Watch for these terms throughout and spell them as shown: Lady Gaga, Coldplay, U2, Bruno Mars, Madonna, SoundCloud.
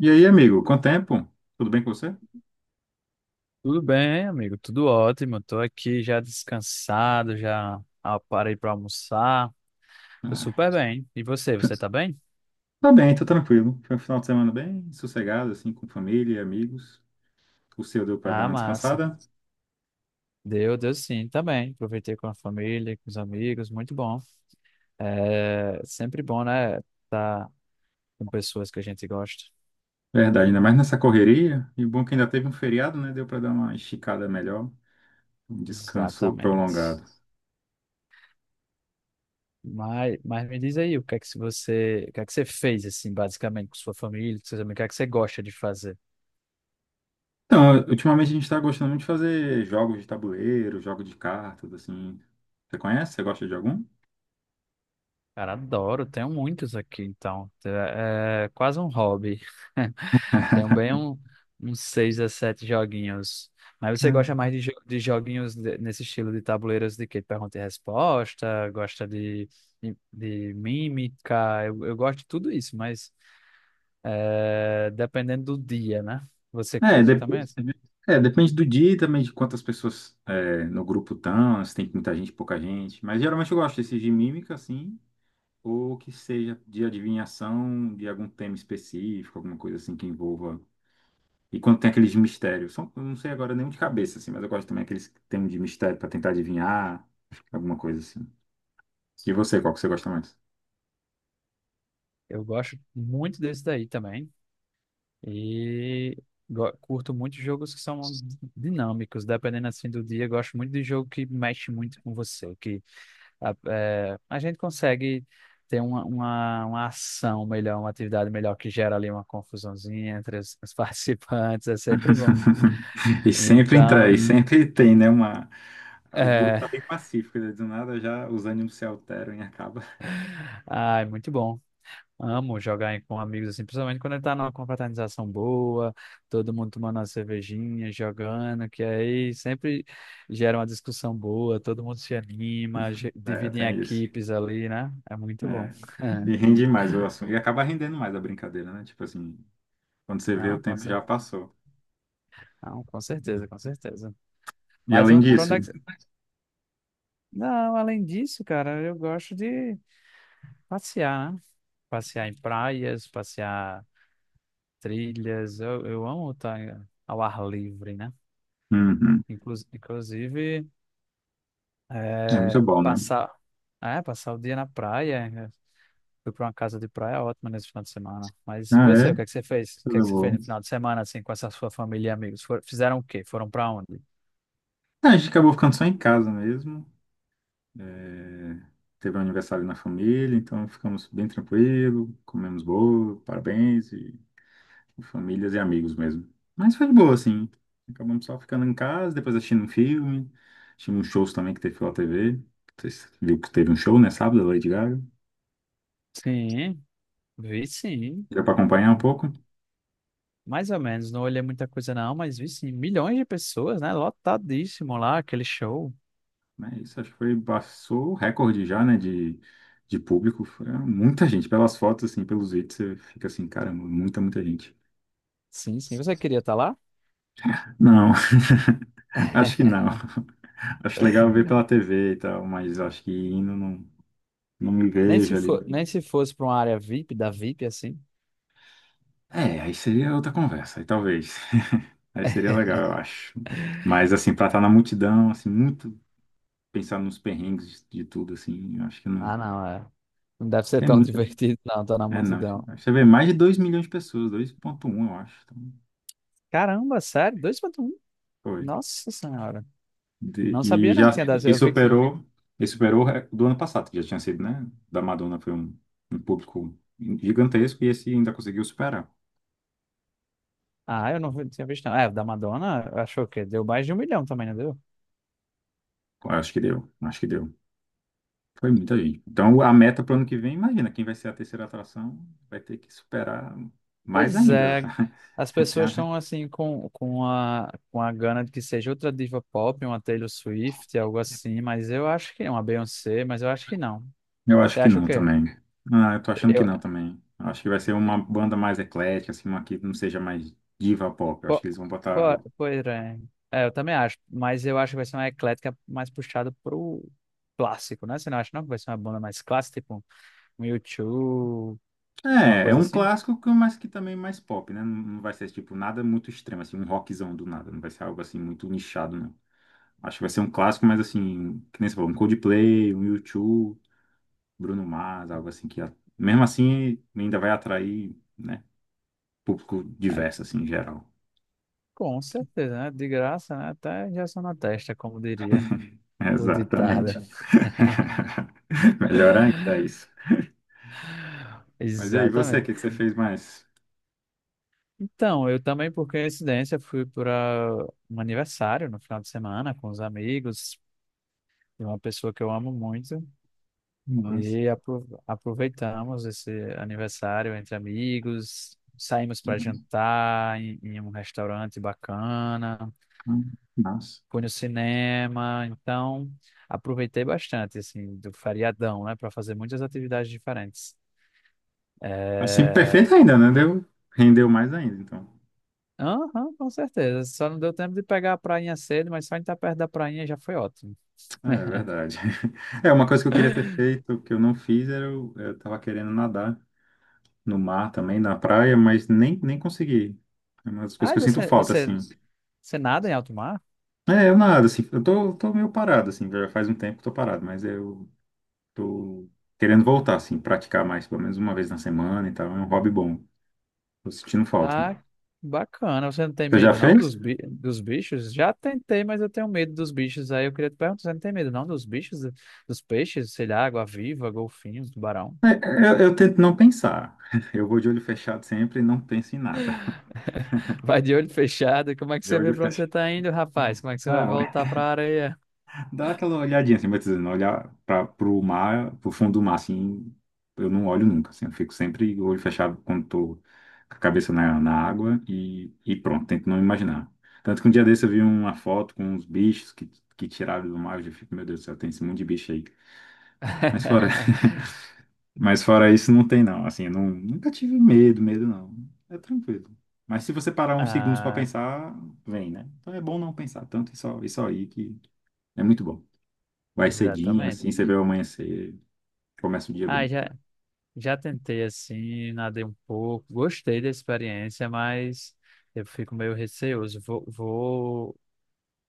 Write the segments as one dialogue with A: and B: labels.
A: E aí, amigo, quanto tempo? Tudo bem com você?
B: Tudo bem, amigo? Tudo ótimo. Estou aqui já descansado, já parei para almoçar. Tô
A: Ah,
B: super bem. E você, tá bem?
A: tá bem, tô tranquilo. Foi um final de semana bem sossegado, assim, com família e amigos. O seu deu pra dar
B: Ah,
A: uma
B: massa.
A: descansada?
B: Deu sim, tá bem. Aproveitei com a família, com os amigos, muito bom. É sempre bom, né? Tá com pessoas que a gente gosta.
A: Verdade, ainda mais nessa correria. E bom é que ainda teve um feriado, né? Deu pra dar uma esticada melhor, um descanso
B: Exatamente.
A: prolongado.
B: Mas me diz aí, o que é que se você, o que é que você fez assim, basicamente com sua família, com seus amigos, o que é que você gosta de fazer?
A: Então, ultimamente a gente tá gostando muito de fazer jogos de tabuleiro, jogos de cartas, assim. Você conhece? Você gosta de algum?
B: Cara, adoro, tenho muitos aqui, então. É quase um hobby. Tenho bem um, uns seis a sete joguinhos. Mas você gosta mais de, de joguinhos nesse estilo de tabuleiros de quê? Pergunta e resposta, gosta de, de mímica, eu gosto de tudo isso, mas é, dependendo do dia, né? Você
A: É,
B: curte também?
A: depois, é, depende do dia e também de quantas pessoas é, no grupo estão, se tem muita gente, pouca gente. Mas geralmente eu gosto desses de mímica, assim, ou que seja de adivinhação de algum tema específico, alguma coisa assim que envolva. E quando tem aqueles de mistério, são, eu não sei agora nenhum de cabeça, assim, mas eu gosto também aqueles que tem de mistério para tentar adivinhar, alguma coisa assim. E você, qual que você gosta mais?
B: Eu gosto muito desse daí também. E curto muito jogos que são dinâmicos, dependendo assim do dia. Gosto muito de jogo que mexe muito com você, que a gente consegue ter uma, uma ação melhor, uma atividade melhor que gera ali uma confusãozinha entre os participantes. É sempre bom.
A: E sempre entra,
B: Então,
A: e sempre tem, né? Uma... O grupo
B: é,
A: tá bem pacífico, né? Do nada já os ânimos se alteram e acaba.
B: ai, muito bom. Amo jogar com amigos assim, principalmente quando tá numa confraternização boa, todo mundo tomando uma cervejinha, jogando, que aí sempre gera uma discussão boa, todo mundo se anima,
A: É,
B: divide em
A: tem isso.
B: equipes ali, né? É muito bom.
A: É. E rende mais o assunto. E acaba rendendo mais a brincadeira, né? Tipo assim, quando você vê, o
B: Não, com
A: tempo
B: cer-
A: já passou.
B: Não, com certeza, com certeza.
A: E
B: Mas
A: além
B: pra onde é
A: disso,
B: que... Não, além disso, cara, eu gosto de passear, né? Passear em praias, passear trilhas. Eu amo estar ao ar livre, né?
A: uhum,
B: Inclusive,
A: é muito
B: É,
A: bom, né?
B: passar, é, passar o dia na praia. Né? Fui para uma casa de praia ótima nesse final de semana. Mas e
A: Ah,
B: você, o
A: é?
B: que é que você fez? O que é
A: Tudo
B: que você fez
A: bom.
B: no final de semana, assim, com essa sua família e amigos? Fizeram o quê? Foram para onde?
A: Ah, a gente acabou ficando só em casa mesmo. É, Teve um aniversário na família, então ficamos bem tranquilo, comemos bolo, parabéns, e. Famílias e amigos mesmo. Mas foi de boa, assim. Acabamos só ficando em casa, depois assistindo um filme. Tínhamos shows também que teve pela TV. Vocês viram que teve um show, né? Sábado, da Lady Gaga.
B: Sim, vi sim.
A: Deu pra acompanhar um pouco.
B: Mais ou menos, não olhei muita coisa não, mas vi sim. Milhões de pessoas, né? Lotadíssimo lá, aquele show.
A: Mas isso, acho que foi, passou o recorde já, né? De público. Foi muita gente. Pelas fotos, assim, pelos vídeos, você fica assim, caramba, muita, muita gente.
B: Sim, sim. Você queria estar lá?
A: Não, acho que não. Acho legal ver pela TV e tal, mas acho que indo não, não me
B: Nem se
A: vejo ali.
B: for, nem se fosse para uma área VIP, da VIP, assim.
A: É, aí seria outra conversa, aí talvez. Aí seria legal, eu acho. Mas, assim, pra estar na multidão, assim, muito pensar nos perrengues de tudo, assim, eu acho que não.
B: Ah, não, é. Não deve ser
A: É
B: tão
A: muita.
B: divertido, não, tá na
A: É, não. acho-
B: multidão.
A: acho Você vê mais de 2 milhões de pessoas, 2,1, eu acho. Então,
B: Caramba, sério? 2 ponto um?
A: foi.
B: Nossa senhora. Não sabia
A: E
B: não
A: já
B: que tinha dado.
A: e
B: Eu vi que...
A: superou, e superou o do ano passado, que já tinha sido, né? Da Madonna foi um, um público gigantesco e esse ainda conseguiu superar.
B: Ah, eu não vi- tinha visto não. É, o da Madonna, achou que deu mais de um milhão também, não deu?
A: Eu acho que deu, acho que deu. Foi muita gente. Então, a meta para o ano que vem, imagina, quem vai ser a terceira atração vai ter que superar mais
B: Pois
A: ainda.
B: é. As pessoas
A: Tá?
B: estão assim com, com a gana de que seja outra diva pop, uma Taylor Swift, algo assim, mas eu acho que é uma Beyoncé, mas eu acho que não.
A: Eu
B: Você
A: acho que
B: acha o
A: não
B: quê?
A: também. Ah, eu tô achando que
B: Eu,
A: não também. Eu Acho que vai ser uma banda mais eclética, assim, uma que não seja mais diva pop. Eu acho
B: po,
A: que eles vão
B: po,
A: botar.
B: pois é. É, eu também acho, mas eu acho que vai ser uma eclética mais puxada pro clássico, né? Você não acha não que vai ser uma banda mais clássica, tipo um YouTube, uma
A: É, é
B: coisa
A: um
B: assim?
A: clássico, que- mas que também é mais pop, né? Não vai ser, tipo, nada muito extremo, assim, um rockzão do nada. Não vai ser algo, assim, muito nichado, não. Acho que vai ser um clássico, mas, assim, que nem você falou, um Coldplay, um U2. Bruno Mars, algo assim que, mesmo assim, ainda vai atrair, né, público diverso,
B: Aí,
A: assim, em geral.
B: com certeza, né? De graça, né? Até injeção na testa, como diria o ditado.
A: Exatamente. Melhor ainda isso. Mas e aí, você, o
B: Exatamente.
A: que que você fez mais?
B: Então, eu também, por coincidência, fui para um aniversário no final de semana com os amigos de uma pessoa que eu amo muito.
A: Nossa.
B: E aproveitamos esse aniversário entre amigos, saímos para jantar em um restaurante bacana,
A: Nossa.
B: fui no cinema, então aproveitei bastante assim do feriadão, né, para fazer muitas atividades diferentes.
A: Assim,
B: É...
A: perfeito ainda, né? Deu, rendeu mais ainda, então.
B: aham, com certeza. Só não deu tempo de pegar a prainha cedo, mas só em estar perto da prainha já foi ótimo.
A: É verdade. É, uma coisa que eu queria ter feito, que eu não fiz, era eu, tava querendo nadar no mar também, na praia, mas nem, nem consegui. É uma das coisas
B: Ah,
A: que
B: e
A: eu sinto
B: você,
A: falta, assim.
B: você nada em alto mar?
A: É, eu nada, assim, eu tô, meio parado, assim, já faz um tempo que tô parado, mas eu tô querendo voltar, assim, praticar mais, pelo menos uma vez na semana e tal, é um hobby bom, tô sentindo falta.
B: Ah, bacana. Você não tem
A: Você já
B: medo não
A: fez?
B: dos, bi dos bichos? Já tentei, mas eu tenho medo dos bichos. Aí eu queria te perguntar, você não tem medo não dos bichos, dos peixes, sei lá, água-viva, golfinhos, tubarão?
A: Eu tento não pensar, eu vou de olho fechado sempre e não penso em nada.
B: Vai de olho fechado. Como é que
A: De
B: você
A: olho
B: vê pra onde você
A: fechado.
B: tá indo, rapaz? Como é que você vai
A: Não,
B: voltar pra areia?
A: Dá aquela olhadinha, assim, batizando, olhar para pro mar, pro fundo do mar, assim, eu não olho nunca, assim, eu fico sempre com o olho fechado quando tô com a cabeça na, na água e pronto, tento não imaginar. Tanto que um dia desse eu vi uma foto com uns bichos que tiraram do mar, eu já fico, meu Deus do céu, tem esse monte de bicho aí. Mas fora, mas fora isso, não tem não, assim, eu não, nunca tive medo, medo não, é tranquilo. Mas se você parar uns segundos para
B: Ah,
A: pensar, vem, né? Então é bom não pensar tanto e só aí que é muito bom. Vai cedinho,
B: exatamente.
A: assim, você vê o amanhecer, começa o dia
B: Ah,
A: bem.
B: já, já tentei assim, nadei um pouco, gostei da experiência, mas eu fico meio receoso. Vou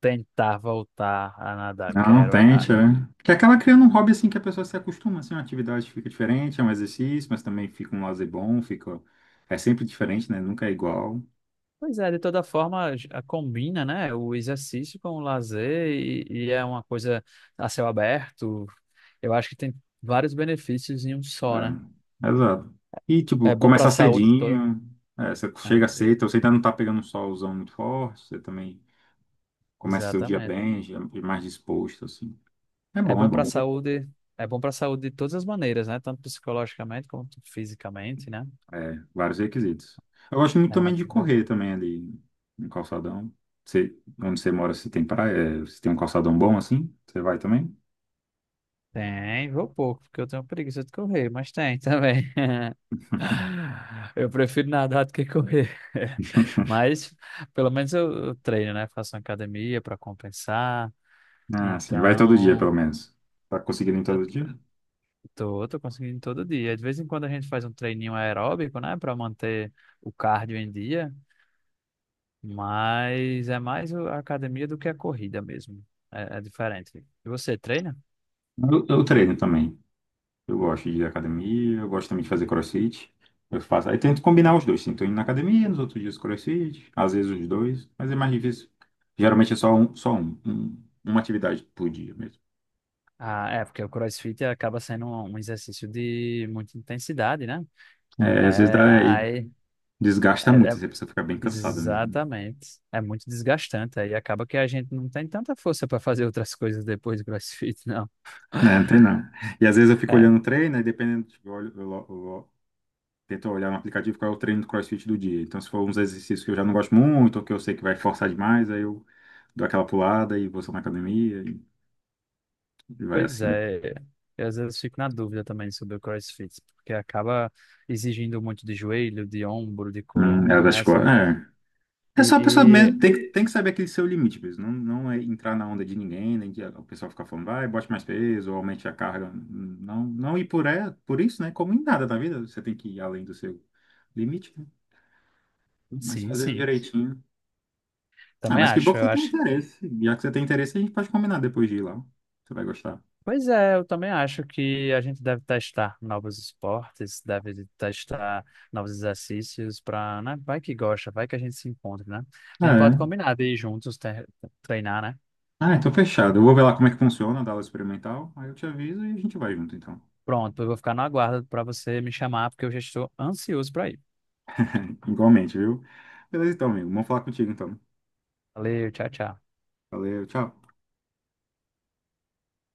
B: tentar voltar a nadar,
A: Não,
B: quero. Ah,
A: tente, é. Que acaba criando um hobby, assim, que a pessoa se acostuma, assim, uma atividade que fica diferente, é um exercício, mas também fica um lazer bom, fica... É sempre diferente, né? Nunca é igual.
B: pois é, de toda forma, combina, né, o exercício com o lazer e é uma coisa a céu aberto. Eu acho que tem vários benefícios em um só, né?
A: É, exato. E, tipo,
B: É bom para a
A: começar
B: saúde toda.
A: cedinho, é, você
B: Ah,
A: chega
B: e-
A: cedo, então você ainda não tá pegando um solzão muito forte, você também começa seu dia
B: exatamente.
A: bem, já mais disposto, assim. É
B: É
A: bom, é
B: bom para a
A: bom.
B: saúde, é bom para a saúde de todas as maneiras, né? Tanto psicologicamente quanto fisicamente, né?
A: É, vários requisitos. Eu gosto muito
B: É uma
A: também de
B: atividade
A: correr
B: boa.
A: também ali no calçadão. Você, onde você mora, se tem praia, é, se tem um calçadão bom assim, você vai também?
B: Tem, vou pouco, porque eu tenho preguiça de correr, mas tem também. Eu prefiro nadar do que correr. Mas pelo menos eu treino, né? Faço uma academia para compensar.
A: Ah, sim, vai todo dia pelo
B: Então,
A: menos. Tá conseguindo ir
B: eu
A: todo dia?
B: tô, tô conseguindo todo dia. De vez em quando a gente faz um treininho aeróbico, né? Para manter o cardio em dia. Mas é mais a academia do que a corrida mesmo. É, é diferente. E você treina?
A: Eu treino também. Eu gosto de ir à academia, eu gosto também de fazer crossfit. Eu faço, aí tento combinar os dois, sim. Tô indo na academia, nos outros dias crossfit, às vezes os dois, mas é mais difícil. Geralmente é uma atividade por dia mesmo.
B: Ah, é, porque o CrossFit acaba sendo um exercício de muita intensidade, né?
A: É, às vezes dá.
B: É,
A: É,
B: aí,
A: Desgasta
B: é- é-
A: muito, assim, a pessoa fica bem cansada mesmo.
B: exatamente. É muito desgastante. Aí acaba que a gente não tem tanta força para fazer outras coisas depois do CrossFit, não.
A: Né, não tem não. E às vezes eu fico
B: É,
A: olhando o treino, aí dependendo, tipo, eu, olho, eu lo- tento olhar no aplicativo qual é o treino do CrossFit do dia. Então, se for uns exercícios que eu já não gosto muito, ou que eu sei que vai forçar demais, aí eu dou aquela pulada e vou só na academia e vai
B: pois
A: assim.
B: é. Eu às vezes fico na dúvida também sobre o CrossFit, porque acaba exigindo muito de joelho, de ombro, de
A: É
B: coluna, né?
A: das costas.
B: Assim,
A: É. É só a pessoa
B: e,
A: mesmo, tem, tem que saber aquele seu limite mesmo. Não, não é entrar na onda de ninguém, nem de o pessoal ficar falando, vai, bote mais peso, ou aumente a carga. Não, não ir por, é, por isso, né? Como em nada na vida, você tem que ir além do seu limite, né? Mas
B: sim,
A: fazendo
B: sim.
A: direitinho. Ah,
B: Também
A: mas que bom
B: acho.
A: que
B: Eu
A: você tem
B: acho
A: interesse. Já que você tem interesse, a gente pode combinar depois de ir lá. Você vai gostar.
B: Pois é, eu também acho que a gente deve testar novos esportes, deve testar novos exercícios para, né? Vai que gosta, vai que a gente se encontra, né? A
A: Ah,
B: gente pode
A: É.
B: combinar de ir juntos treinar, né?
A: Ah, então fechado. Eu vou ver lá como é que funciona a aula experimental. Aí eu te aviso e a gente vai junto, então.
B: Pronto, eu vou ficar no aguardo para você me chamar, porque eu já estou ansioso para ir.
A: Igualmente, viu? Beleza, então, amigo. Vamos falar contigo, então.
B: Valeu, tchau, tchau.
A: Valeu, tchau.